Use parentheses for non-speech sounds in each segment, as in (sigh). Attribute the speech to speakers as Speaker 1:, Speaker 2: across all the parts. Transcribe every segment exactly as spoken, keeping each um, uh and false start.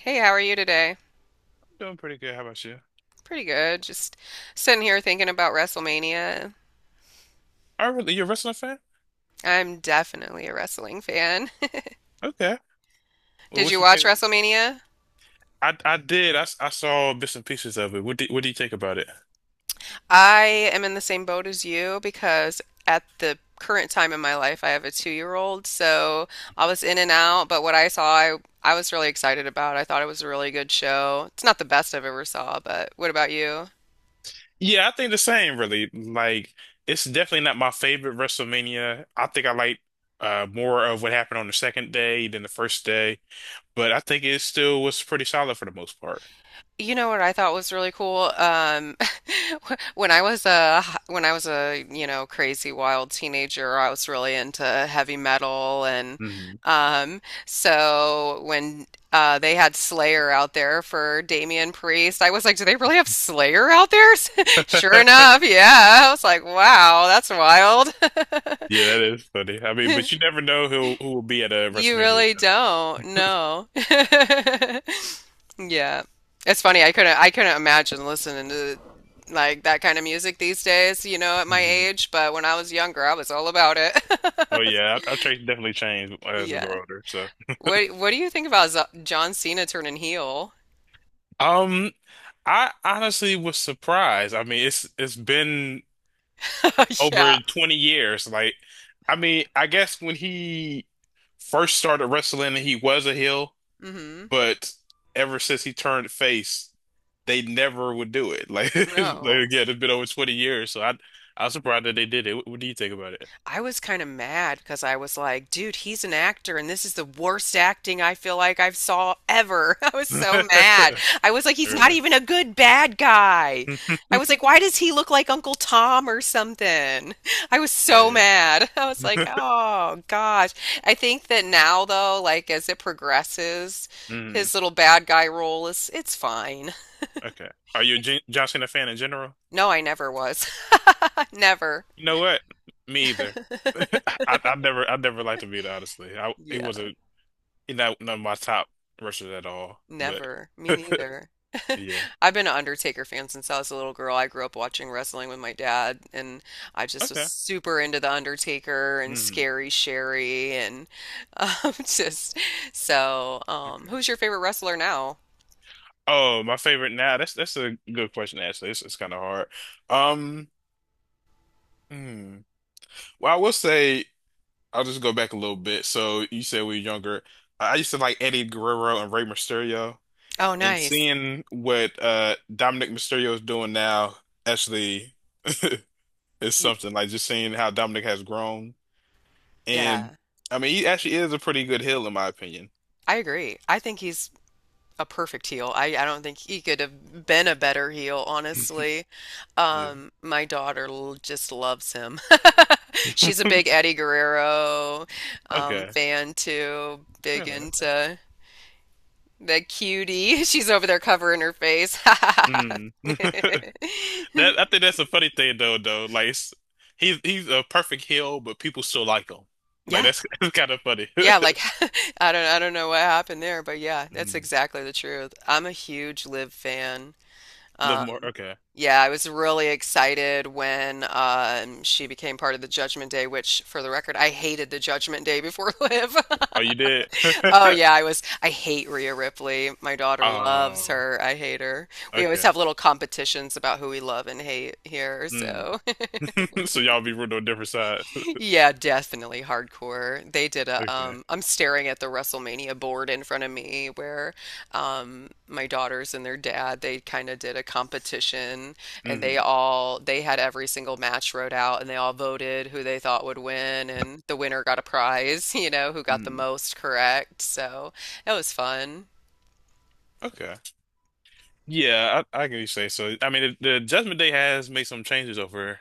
Speaker 1: Hey, how are you today?
Speaker 2: Doing pretty good. How about you?
Speaker 1: Pretty good. Just sitting here thinking about WrestleMania.
Speaker 2: Oh, really? You're a wrestling fan?
Speaker 1: I'm definitely a wrestling fan.
Speaker 2: Okay.
Speaker 1: (laughs)
Speaker 2: Well,
Speaker 1: Did
Speaker 2: what
Speaker 1: you
Speaker 2: you
Speaker 1: watch
Speaker 2: think of it?
Speaker 1: WrestleMania?
Speaker 2: I I did. I, s- I saw bits and pieces of it. What do, what do you think about it?
Speaker 1: I am in the same boat as you because at the current time in my life, I have a two-year-old, so I was in and out, but what I saw, I I was really excited about. I thought it was a really good show. It's not the best I've ever saw, but what about you?
Speaker 2: Yeah, I think the same, really. Like, it's definitely not my favorite WrestleMania. I think I like uh more of what happened on the second day than the first day, but I think it still was pretty solid for the most part.
Speaker 1: You know what I thought was really cool? Um, (laughs) when I was a when I was a you know crazy wild teenager, I was really into heavy metal and
Speaker 2: Hmm
Speaker 1: um, so when uh, they had Slayer out there for Damian Priest. I was like, do they really have Slayer out there? (laughs) Sure
Speaker 2: (laughs)
Speaker 1: enough, yeah. I was like, wow, that's wild. (laughs)
Speaker 2: Yeah, that is funny. I mean, but you never know who who will be at a
Speaker 1: You
Speaker 2: WrestleMania
Speaker 1: really
Speaker 2: though.
Speaker 1: don't, no. (laughs) Yeah. It's funny, I couldn't I couldn't imagine listening to like that kind of music these days, you know, at my
Speaker 2: Hmm
Speaker 1: age, but when I was younger, I was all about it.
Speaker 2: Oh
Speaker 1: (laughs)
Speaker 2: yeah, our our taste definitely changed as we
Speaker 1: Yeah.
Speaker 2: grow older. So.
Speaker 1: What what do you think about Z John Cena turning heel?
Speaker 2: Um, I honestly was surprised. I mean, it's it's been
Speaker 1: (laughs) Yeah.
Speaker 2: over twenty years. Like, I mean, I guess when he first started wrestling, he was a heel,
Speaker 1: hmm
Speaker 2: but ever since he turned face, they never would do it. Like, (laughs) it's- like
Speaker 1: No.
Speaker 2: again, it's been over twenty years, so I I was surprised that they did it. What, what do you think about it?
Speaker 1: I was kind of mad because I was like, dude, he's an actor and this is the worst acting I feel like I've saw ever. (laughs) I was so mad.
Speaker 2: (laughs)
Speaker 1: I was like, he's not
Speaker 2: Really?
Speaker 1: even a good bad guy. I was
Speaker 2: (laughs)
Speaker 1: like, why does he look like Uncle Tom or something? (laughs) I was
Speaker 2: Oh
Speaker 1: so mad. (laughs) I was like,
Speaker 2: yeah. (laughs)
Speaker 1: oh gosh. I think that now though, like as it progresses,
Speaker 2: Mhm.
Speaker 1: his little bad guy role is it's fine.
Speaker 2: Okay. Are you a Jon John Cena fan in general?
Speaker 1: (laughs) No, I never was. (laughs) Never.
Speaker 2: You know what? Me either. (laughs)
Speaker 1: (laughs)
Speaker 2: I I never I never liked Embiid, honestly. I it
Speaker 1: Yeah.
Speaker 2: wasn't he's not none of my top rushers at all. But
Speaker 1: Never. Me neither.
Speaker 2: (laughs) yeah.
Speaker 1: (laughs) I've been an Undertaker fan since I was a little girl. I grew up watching wrestling with my dad, and I just was
Speaker 2: Okay.
Speaker 1: super into the Undertaker and
Speaker 2: Mm,
Speaker 1: Scary Sherry, and um, (laughs) just so. Um,
Speaker 2: okay.
Speaker 1: who's your favorite wrestler now?
Speaker 2: Oh, my favorite now. That's that's a good question, actually. It's it's kind of hard. Um hmm. Well, I will say I'll just go back a little bit. So you said we were younger. I used to like Eddie Guerrero and Rey Mysterio.
Speaker 1: Oh,
Speaker 2: And
Speaker 1: nice.
Speaker 2: seeing what uh Dominic Mysterio is doing now, actually it's
Speaker 1: Y-
Speaker 2: something like just seeing how Dominic has grown. And
Speaker 1: Yeah,
Speaker 2: I mean, he actually is a pretty good heel, in my opinion. (clears throat)
Speaker 1: I agree. I think he's a perfect heel. I, I don't think he could have been a better heel, honestly.
Speaker 2: Yeah.
Speaker 1: Um, my daughter l- just loves him. (laughs) She's a big
Speaker 2: (laughs)
Speaker 1: Eddie Guerrero um,
Speaker 2: Okay.
Speaker 1: fan too, big
Speaker 2: Really?
Speaker 1: into the cutie. (laughs) She's over there covering her face. (laughs)
Speaker 2: Mm. (laughs) That I think that's a funny thing though. Though, like it's- he's he's a perfect heel, but people still like him. Like
Speaker 1: Yeah.
Speaker 2: that's, (laughs) that's kind of funny. (laughs)
Speaker 1: Yeah, like (laughs) I don't I don't know what happened there, but yeah, that's
Speaker 2: Mm.
Speaker 1: exactly the truth. I'm a huge Liv fan.
Speaker 2: Live
Speaker 1: Um,
Speaker 2: more. Okay.
Speaker 1: Yeah, I was really excited when um, she became part of the Judgment Day, which, for the record, I hated the Judgment Day before (laughs) Liv.
Speaker 2: Oh, you did. (laughs)
Speaker 1: Oh, yeah, I was. I hate Rhea Ripley. My daughter loves
Speaker 2: Um.
Speaker 1: her. I hate her. We always
Speaker 2: Okay.
Speaker 1: have little competitions about who we love and hate here,
Speaker 2: Mm.
Speaker 1: so.
Speaker 2: (laughs) So y'all be rooting on different sides. (laughs)
Speaker 1: Yeah, definitely hardcore. They did a
Speaker 2: Okay.
Speaker 1: um I'm staring at the WrestleMania board in front of me where um my daughters and their dad, they kind of did a competition and they
Speaker 2: Mm.
Speaker 1: all they had every single match wrote out and they all voted who they thought would win and the winner got a prize, (laughs) you know, who got the
Speaker 2: Mm.
Speaker 1: most correct. So, that was fun.
Speaker 2: Okay. Yeah, I, I can say so. I mean, the, the Judgment Day has made some changes over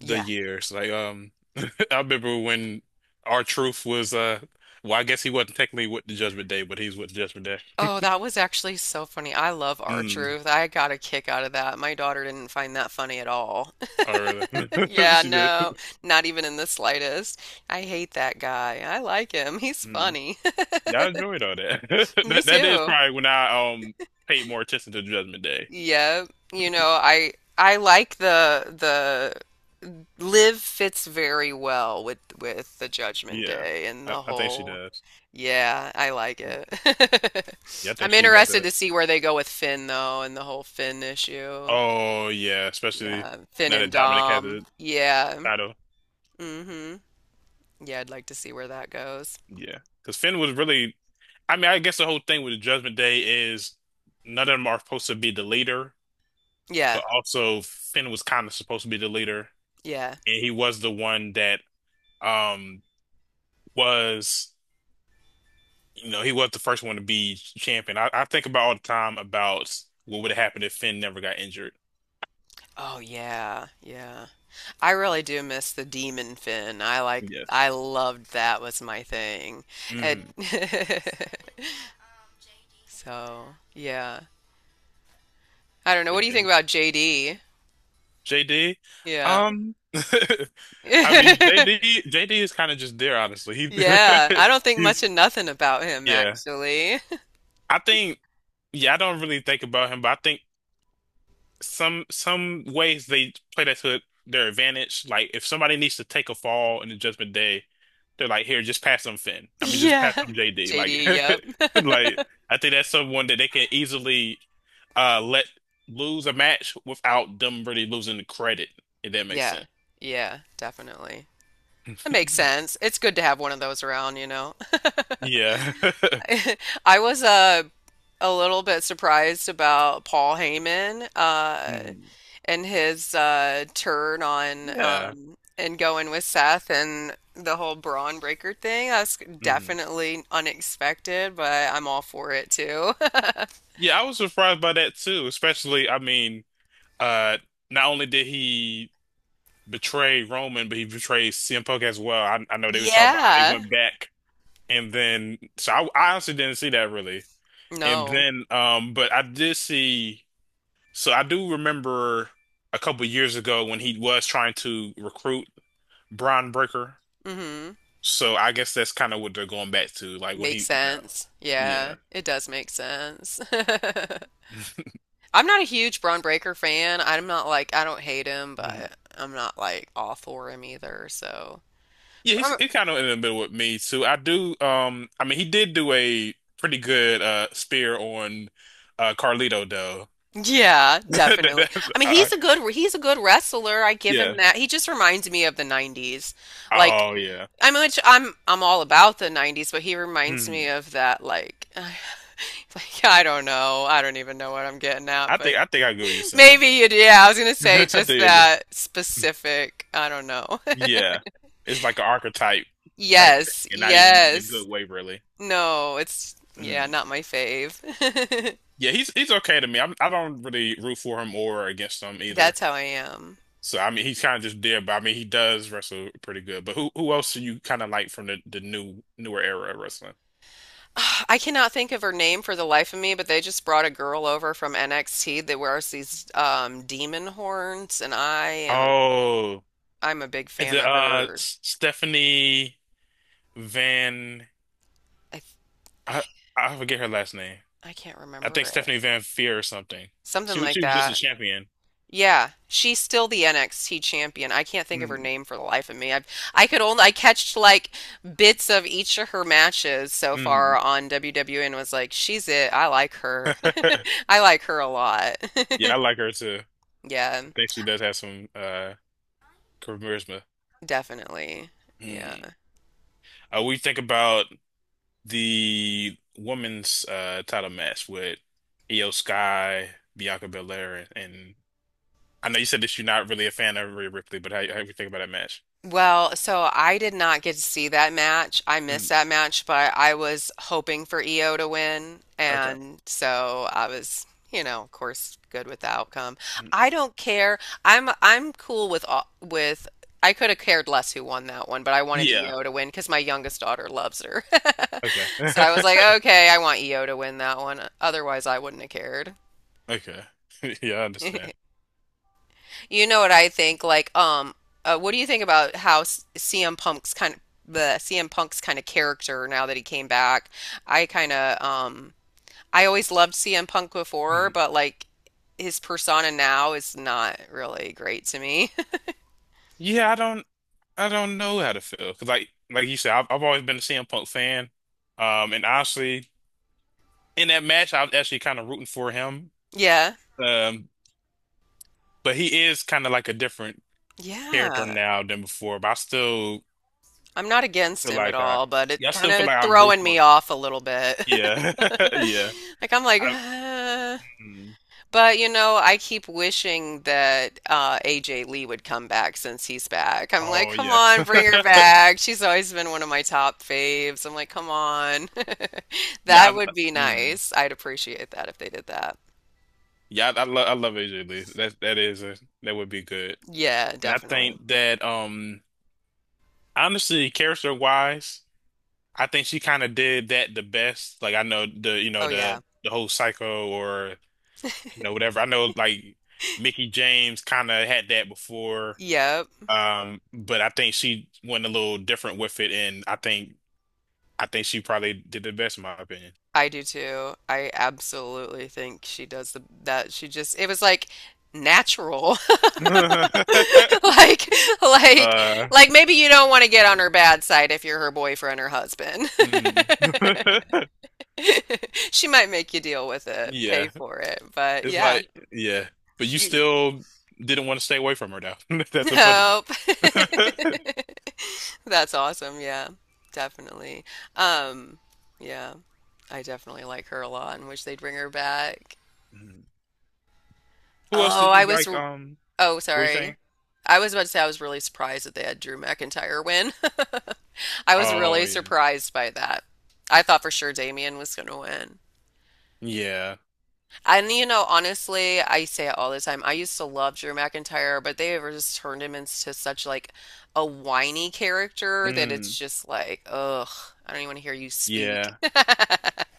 Speaker 2: the
Speaker 1: Yeah.
Speaker 2: years. Like, um, (laughs) I remember when our truth was, uh, well, I guess he wasn't technically with the Judgment Day, but he's with the Judgment Day.
Speaker 1: Oh, that was actually so funny. I love
Speaker 2: Mm.
Speaker 1: R-Truth. I got a kick out of that. My daughter didn't find that funny at all.
Speaker 2: Oh, really? (laughs)
Speaker 1: Yeah,
Speaker 2: She did.
Speaker 1: no, not even in the slightest. I hate that guy. I like him. He's
Speaker 2: Mm.
Speaker 1: funny.
Speaker 2: Yeah, I enjoyed all that.
Speaker 1: (laughs)
Speaker 2: (laughs)
Speaker 1: Me
Speaker 2: That that is
Speaker 1: too.
Speaker 2: probably when I um paid more attention to Judgment Day.
Speaker 1: Yeah, you know, I I like the the Live fits very well with with the Judgment
Speaker 2: Yeah,
Speaker 1: Day and
Speaker 2: I,
Speaker 1: the
Speaker 2: I think she
Speaker 1: whole.
Speaker 2: does.
Speaker 1: Yeah, I like
Speaker 2: Mm.
Speaker 1: it.
Speaker 2: Yeah, I
Speaker 1: (laughs)
Speaker 2: think
Speaker 1: I'm
Speaker 2: she got
Speaker 1: interested
Speaker 2: the.
Speaker 1: to see where they go with Finn though and the whole Finn issue.
Speaker 2: Oh yeah, especially
Speaker 1: Yeah, Finn
Speaker 2: now that
Speaker 1: and
Speaker 2: Dominic had
Speaker 1: Dom.
Speaker 2: the
Speaker 1: Yeah.
Speaker 2: title.
Speaker 1: hmm Yeah, I'd like to see where that goes.
Speaker 2: Yeah, because Finn was really I mean, I guess the whole thing with the Judgment Day is none of them are supposed to be the leader,
Speaker 1: Yeah.
Speaker 2: but also Finn was kind of supposed to be the leader,
Speaker 1: Yeah.
Speaker 2: and he was the one that um was, you know, he was the first one to be champion. I, I think about all the time about what would have happened if Finn never got injured.
Speaker 1: Oh yeah, yeah. I really do miss the Demon Fin. I like
Speaker 2: Yes.
Speaker 1: I loved that was my thing. And
Speaker 2: Mm-hmm.
Speaker 1: (laughs) so, yeah. I don't know. What
Speaker 2: But
Speaker 1: do you think
Speaker 2: yeah,
Speaker 1: about J D?
Speaker 2: J D,
Speaker 1: Yeah.
Speaker 2: um, (laughs) I mean,
Speaker 1: (laughs)
Speaker 2: JD, J D is kind of just there, honestly. He,
Speaker 1: Yeah.
Speaker 2: (laughs)
Speaker 1: I don't think much
Speaker 2: he's,
Speaker 1: of nothing about him
Speaker 2: yeah.
Speaker 1: actually. (laughs)
Speaker 2: I think. Yeah, I don't really think about him, but I think some some ways they play that to their advantage. Like if somebody needs to take a fall in the Judgment Day, they're like, here, just pass them Finn. I mean, just pass
Speaker 1: Yeah.
Speaker 2: them J D. Like,
Speaker 1: J D, yep.
Speaker 2: (laughs) like I think that's someone that they can easily uh let lose a match without them really losing the credit, if that makes
Speaker 1: Yeah.
Speaker 2: sense.
Speaker 1: Yeah, definitely. That makes
Speaker 2: (laughs)
Speaker 1: sense. It's good to have one of those around, you know.
Speaker 2: Yeah. (laughs)
Speaker 1: (laughs) I was uh a little bit surprised about Paul Heyman uh,
Speaker 2: Mhm.
Speaker 1: and his uh, turn on
Speaker 2: Yeah.
Speaker 1: um, and going with Seth and the whole Braun Breaker thing. That's
Speaker 2: Mhm.
Speaker 1: definitely unexpected, but I'm all for it too. (laughs)
Speaker 2: Yeah, I was surprised by that too, especially I mean, uh not only did he betrayed Roman, but he betrayed C M Punk as well. I, I know they were talking about how they
Speaker 1: Yeah.
Speaker 2: went back, and then so I, I honestly didn't see that really. And
Speaker 1: No.
Speaker 2: then, um, but I did see. So I do remember a couple years ago when he was trying to recruit Braun Breaker.
Speaker 1: mm hmm
Speaker 2: So I guess that's kind of what they're going back to, like when
Speaker 1: Makes
Speaker 2: he, you know,
Speaker 1: sense. Yeah,
Speaker 2: yeah.
Speaker 1: it does make sense.
Speaker 2: (laughs)
Speaker 1: (laughs) I'm not a huge Braun Breaker fan. I'm not like I don't hate him,
Speaker 2: Mhm.
Speaker 1: but I'm not like all for him either. So,
Speaker 2: Yeah,
Speaker 1: but
Speaker 2: he's,
Speaker 1: I'm
Speaker 2: he's kind of in the middle with me too. I do. Um, I mean, he did do a pretty good uh spear on uh Carlito though.
Speaker 1: yeah,
Speaker 2: (laughs) That-
Speaker 1: definitely.
Speaker 2: that-
Speaker 1: I mean, he's
Speaker 2: I-
Speaker 1: a good he's a good wrestler. I give him
Speaker 2: yeah.
Speaker 1: that. He just reminds me of the nineties. Like
Speaker 2: Oh yeah.
Speaker 1: I'm much I'm I'm all about the nineties, but he reminds
Speaker 2: Hmm.
Speaker 1: me of that like (laughs) like I don't know. I don't even know what I'm getting at,
Speaker 2: I
Speaker 1: but
Speaker 2: think I think I get what you're
Speaker 1: (laughs)
Speaker 2: saying.
Speaker 1: maybe you do. Yeah, I was gonna
Speaker 2: (laughs) I
Speaker 1: say
Speaker 2: think
Speaker 1: just
Speaker 2: I get.
Speaker 1: that specific, I don't know. (laughs)
Speaker 2: Yeah. It's like an archetype type thing,
Speaker 1: Yes,
Speaker 2: and not even in a
Speaker 1: yes.
Speaker 2: good way, really.
Speaker 1: No, it's yeah,
Speaker 2: Mm.
Speaker 1: not my fave.
Speaker 2: Yeah, he's he's okay to me. I'm, I don't really root for him or against him
Speaker 1: (laughs)
Speaker 2: either.
Speaker 1: That's how I am.
Speaker 2: So I mean, he's kind of just there, but I mean, he does wrestle pretty good. But who who else do you kind of like from the the new newer era of wrestling?
Speaker 1: (sighs) I cannot think of her name for the life of me, but they just brought a girl over from N X T that wears these um, demon horns, and I am
Speaker 2: Oh,
Speaker 1: I'm a big
Speaker 2: is
Speaker 1: fan
Speaker 2: it
Speaker 1: of
Speaker 2: uh
Speaker 1: her.
Speaker 2: S- Stephanie Van?
Speaker 1: I
Speaker 2: I I forget her last name.
Speaker 1: I can't
Speaker 2: I think
Speaker 1: remember it.
Speaker 2: Stephanie Van Feer or something.
Speaker 1: Something
Speaker 2: She
Speaker 1: like
Speaker 2: she was just a
Speaker 1: that.
Speaker 2: champion.
Speaker 1: Yeah, she's still the N X T champion. I can't think of her
Speaker 2: Hmm
Speaker 1: name for the life of me. i I could only I catched like bits of each of her matches so far
Speaker 2: hmm
Speaker 1: on W W E and was like, she's it. I like her.
Speaker 2: (laughs)
Speaker 1: (laughs) I like her a lot. (laughs)
Speaker 2: Yeah, I like her too.
Speaker 1: Yeah.
Speaker 2: I think she does have some uh charisma.
Speaker 1: Definitely.
Speaker 2: Mm.
Speaker 1: Yeah.
Speaker 2: Uh, we think about the women's uh title match with Io Sky, Bianca Belair, and I know you said that you're not really a fan of Rhea Ripley, but how how you think about that match?
Speaker 1: Well, so I did not get to see that match. I missed
Speaker 2: Mm.
Speaker 1: that match, but I was hoping for E O to win.
Speaker 2: Okay.
Speaker 1: And so I was, you know, of course, good with the outcome.
Speaker 2: Mm.
Speaker 1: I don't care. I'm I'm cool with all, with I could have cared less who won that one, but I wanted
Speaker 2: Yeah.
Speaker 1: E O to win because my youngest daughter loves her. (laughs)
Speaker 2: Okay.
Speaker 1: So I was like,
Speaker 2: (laughs)
Speaker 1: okay, I want E O to win that one. Otherwise, I wouldn't have cared.
Speaker 2: Okay. (laughs) Yeah, I understand.
Speaker 1: (laughs) You know what I think? Like, um, uh, what do you think about how s- C M Punk's kind of the C M Punk's kind of character now that he came back? I kind of, um, I always loved C M Punk before,
Speaker 2: Mhm.
Speaker 1: but like his persona now is not really great to me. (laughs)
Speaker 2: Yeah, I don't. I don't know how to feel because, like, like you said, I've, I've always been a C M Punk fan. Um, and honestly, in that match, I was actually kind of rooting for him.
Speaker 1: Yeah,
Speaker 2: Um, but he is kind of like a different character
Speaker 1: yeah.
Speaker 2: now than before. But I still
Speaker 1: I'm not against
Speaker 2: feel
Speaker 1: him at
Speaker 2: like I,
Speaker 1: all, but it
Speaker 2: yeah, I
Speaker 1: kind
Speaker 2: still feel
Speaker 1: of
Speaker 2: like I root
Speaker 1: throwing me
Speaker 2: for him.
Speaker 1: off a little bit.
Speaker 2: Yeah,
Speaker 1: (laughs)
Speaker 2: (laughs) yeah.
Speaker 1: Like I'm like,
Speaker 2: I,
Speaker 1: (sighs)
Speaker 2: mm.
Speaker 1: But you know, I keep wishing that uh, A J Lee would come back since he's back. I'm like,
Speaker 2: Oh
Speaker 1: come
Speaker 2: yes.
Speaker 1: on, bring her
Speaker 2: (laughs)
Speaker 1: back. She's always been one of my top faves. I'm like, come on. (laughs)
Speaker 2: Yeah,
Speaker 1: That
Speaker 2: I,
Speaker 1: would be
Speaker 2: mm.
Speaker 1: nice. I'd appreciate that if they did that.
Speaker 2: Yeah, I, I love I love A J Lee. That that is a, that would be good.
Speaker 1: Yeah,
Speaker 2: And I
Speaker 1: definitely.
Speaker 2: think that um honestly, character wise. I think she kind of did that the best. Like I know the you know
Speaker 1: Oh
Speaker 2: the
Speaker 1: yeah.
Speaker 2: the whole Psycho or you know whatever. I know like Mickey James kind of had that before,
Speaker 1: Yep.
Speaker 2: um, but I think she went a little different with it, and I think I think she probably did the best in my opinion.
Speaker 1: I do too. I absolutely think she does the that she just it was like natural. (laughs)
Speaker 2: (laughs)
Speaker 1: Like like
Speaker 2: Uh,
Speaker 1: like maybe you don't want to get on her bad side if you're her boyfriend or husband.
Speaker 2: mm. (laughs)
Speaker 1: (laughs) She might make you deal with it, pay
Speaker 2: Yeah,
Speaker 1: for it, but
Speaker 2: it's
Speaker 1: yeah,
Speaker 2: like yeah, but you
Speaker 1: she
Speaker 2: still didn't want to stay away from her though. (laughs) That's the funny thing.
Speaker 1: nope.
Speaker 2: (laughs)
Speaker 1: (laughs) That's awesome. Yeah, definitely. Um, yeah, I definitely like her a lot and wish they'd bring her back.
Speaker 2: Mhm. Who else do
Speaker 1: Oh, I
Speaker 2: you
Speaker 1: was.
Speaker 2: like? Um,
Speaker 1: Oh,
Speaker 2: what you saying?
Speaker 1: sorry. I was about to say I was really surprised that they had Drew McIntyre win. (laughs) I was
Speaker 2: Oh
Speaker 1: really
Speaker 2: yeah.
Speaker 1: surprised by that. I thought for sure Damian was going to win.
Speaker 2: Yeah.
Speaker 1: And you know, honestly, I say it all the time. I used to love Drew McIntyre, but they ever just turned him into such like a whiny character that it's
Speaker 2: Mm,
Speaker 1: just like, ugh, I don't even want to hear you speak.
Speaker 2: yeah.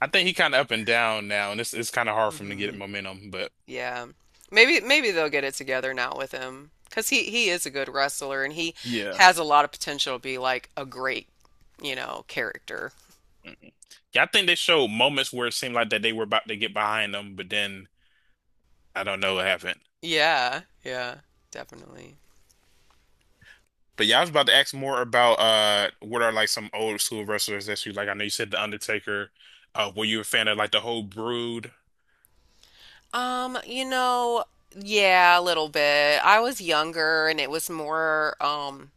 Speaker 2: I think he kind of up and down now, and it's it's kind of hard for him to get
Speaker 1: (laughs)
Speaker 2: momentum. But
Speaker 1: Yeah. Maybe maybe they'll get it together now with him because he he is a good wrestler and he
Speaker 2: yeah,
Speaker 1: has a lot of potential to be like a great, you know, character.
Speaker 2: mm-mm, yeah. I think they showed moments where it seemed like that they were about to get behind them, but then I don't know what happened.
Speaker 1: Yeah, yeah, definitely.
Speaker 2: But yeah, I was about to ask more about uh, what are like some old school wrestlers that you like? I know you said The Undertaker. Uh, were you a fan of like the whole Brood?
Speaker 1: Um, you know, yeah, a little bit. I was younger and it was more, um,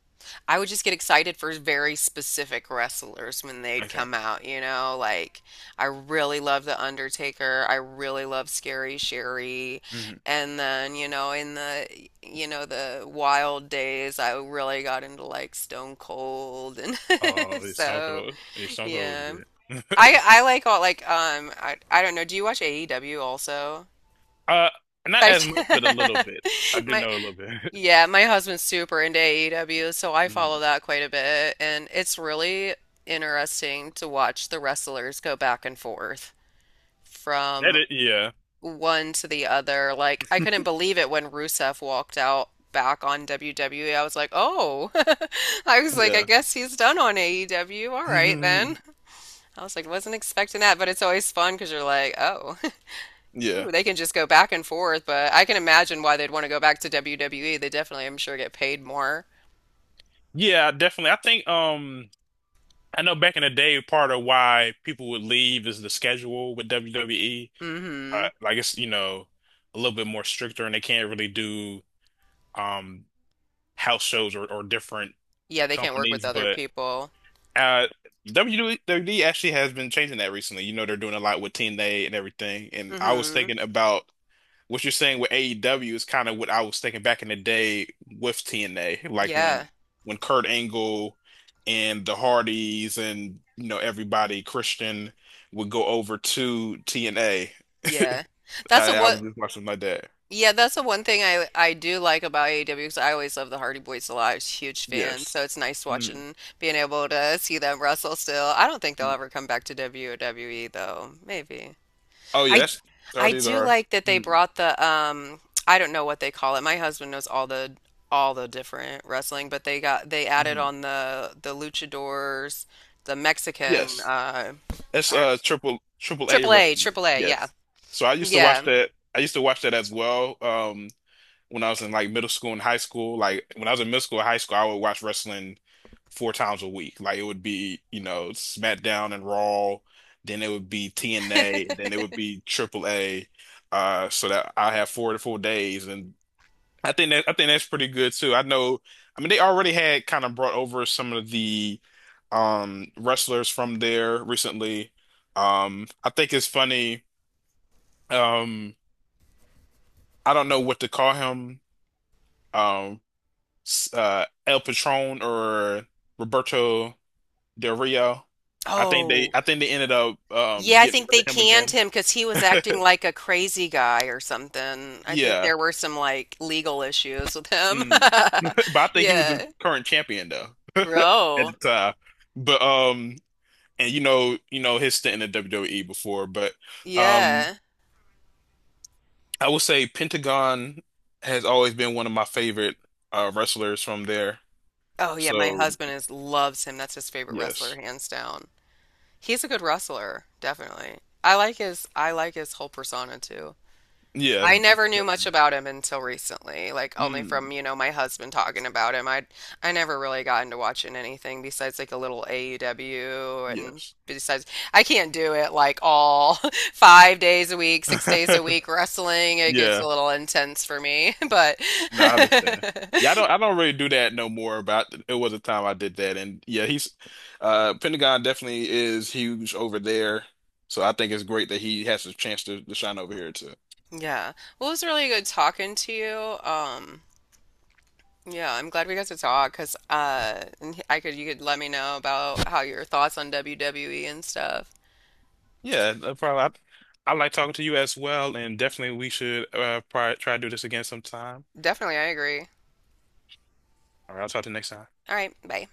Speaker 1: I would just get excited for very specific wrestlers when they'd
Speaker 2: Okay.
Speaker 1: come out, you know, like I really love The Undertaker, I really love Scary Sherry,
Speaker 2: hmm
Speaker 1: and then, you know, in the, you know, the wild days, I really got into like Stone Cold and
Speaker 2: Oh,
Speaker 1: (laughs)
Speaker 2: it's Stone
Speaker 1: so,
Speaker 2: Cold. It's Stone Cold
Speaker 1: yeah.
Speaker 2: was
Speaker 1: I
Speaker 2: good.
Speaker 1: I
Speaker 2: (laughs)
Speaker 1: like all like um I I don't know, do you watch A E W also?
Speaker 2: Uh, not
Speaker 1: I
Speaker 2: as much, but a little bit. I
Speaker 1: (laughs)
Speaker 2: do
Speaker 1: my
Speaker 2: know a little bit.
Speaker 1: yeah, my husband's super into A E W, so I follow
Speaker 2: (laughs)
Speaker 1: that quite a bit, and it's really interesting to watch the wrestlers go back and forth
Speaker 2: That
Speaker 1: from
Speaker 2: is, yeah,
Speaker 1: one to the other. Like I couldn't believe it when Rusev walked out back on W W E. I was like, "Oh." (laughs) I was like, "I
Speaker 2: yeah,
Speaker 1: guess he's done on A E W. All right then."
Speaker 2: (laughs)
Speaker 1: I was like, "Wasn't expecting that," but it's always fun because you're like, "Oh.
Speaker 2: yeah,
Speaker 1: Ooh, they can just go back and forth," but I can imagine why they'd want to go back to W W E. They definitely, I'm sure, get paid more.
Speaker 2: yeah. Definitely. I think um, I know back in the day, part of why people would leave is the schedule with W W E. Uh,
Speaker 1: Hmm
Speaker 2: like it's you know a little bit more stricter, and they can't really do um house shows or, or different
Speaker 1: Yeah, they can't work with
Speaker 2: companies.
Speaker 1: other
Speaker 2: But
Speaker 1: people.
Speaker 2: uh, W W E actually has been changing that recently. You know, they're doing a lot with Team Day and everything. And I was
Speaker 1: Hmm
Speaker 2: thinking about what you're saying with A E W is kind of what I was thinking back in the day with T N A, like when
Speaker 1: Yeah.
Speaker 2: when Kurt Angle and the Hardys and you know everybody Christian would go over to T N A.
Speaker 1: Yeah. That's a
Speaker 2: I, I was
Speaker 1: what
Speaker 2: just watching my dad.
Speaker 1: yeah, that's the one thing I I do like about A E W because I always love the Hardy Boys a lot. I was a huge fan, so
Speaker 2: Yes.
Speaker 1: it's nice
Speaker 2: Mm,
Speaker 1: watching being able to see them wrestle still. I don't think they'll
Speaker 2: mm.
Speaker 1: ever come back to W W E though. Maybe.
Speaker 2: Oh yeah,
Speaker 1: I
Speaker 2: that's
Speaker 1: I
Speaker 2: Hardys
Speaker 1: do
Speaker 2: are.
Speaker 1: like that they
Speaker 2: Mm,
Speaker 1: brought the um I don't know what they call it. My husband knows all the all the different wrestling, but they got they added
Speaker 2: mm.
Speaker 1: on the the luchadors, the Mexican
Speaker 2: Yes,
Speaker 1: uh
Speaker 2: that's
Speaker 1: I don't know.
Speaker 2: uh triple triple A
Speaker 1: Triple A,
Speaker 2: wrestling.
Speaker 1: Triple A, yeah.
Speaker 2: Yes. So I used to watch
Speaker 1: Yeah. (laughs)
Speaker 2: that. I used to watch that as well. Um, when I was in like middle school and high school. Like when I was in middle school and high school, I would watch wrestling four times a week. Like it would be, you know, SmackDown and Raw, then it would be T N A, then it would be Triple A. Uh, so that I have four to four days, and I think that I think that's pretty good too. I know, I mean, they already had kind of brought over some of the um wrestlers from there recently. Um, I think it's funny. Um, I don't know what to call him. Um, uh, El Patron or Roberto Del Rio. I think they
Speaker 1: Oh,
Speaker 2: I think they ended up um,
Speaker 1: yeah, I
Speaker 2: getting
Speaker 1: think they
Speaker 2: rid of him
Speaker 1: canned
Speaker 2: again.
Speaker 1: him because he was acting
Speaker 2: (laughs)
Speaker 1: like a crazy guy or something. I think
Speaker 2: Yeah.
Speaker 1: there were some like legal issues with him.
Speaker 2: Mm.
Speaker 1: (laughs)
Speaker 2: (laughs) But I think he was the
Speaker 1: Yeah.
Speaker 2: current champion though at
Speaker 1: Ro.
Speaker 2: the time. But um and you know, you know his stint in the W W E before, but um
Speaker 1: Yeah.
Speaker 2: I would say Pentagon has always been one of my favorite uh wrestlers from there.
Speaker 1: Oh, yeah, my
Speaker 2: So,
Speaker 1: husband is loves him. That's his favorite wrestler,
Speaker 2: yes.
Speaker 1: hands down. He's a good wrestler, definitely. I like his I like his whole persona too.
Speaker 2: Yeah.
Speaker 1: I never knew much about him until recently, like only
Speaker 2: Mm,
Speaker 1: from, you know, my husband talking about him. I I never really got into watching anything besides like a little A E W and
Speaker 2: yes.
Speaker 1: besides I can't do it like all (laughs) five days a week, six days a
Speaker 2: (laughs)
Speaker 1: week wrestling. It gets
Speaker 2: Yeah.
Speaker 1: a little intense for me, (laughs) but
Speaker 2: No, I understand. Yeah, I don't
Speaker 1: (laughs)
Speaker 2: I don't really do that no more, but I- it was a time I did that. And yeah, he's uh Pentagon definitely is huge over there. So I think it's great that he has a chance to, to shine over here too.
Speaker 1: yeah. Well, it was really good talking to you. Um, yeah, I'm glad we got to talk because uh, and I could you could let me know about how your thoughts on W W E and stuff.
Speaker 2: Yeah, no problem. I, I like talking to you as well, and definitely we should uh probably try to do this again sometime.
Speaker 1: Definitely, I agree.
Speaker 2: All right, I'll talk to you next time.
Speaker 1: All right, bye.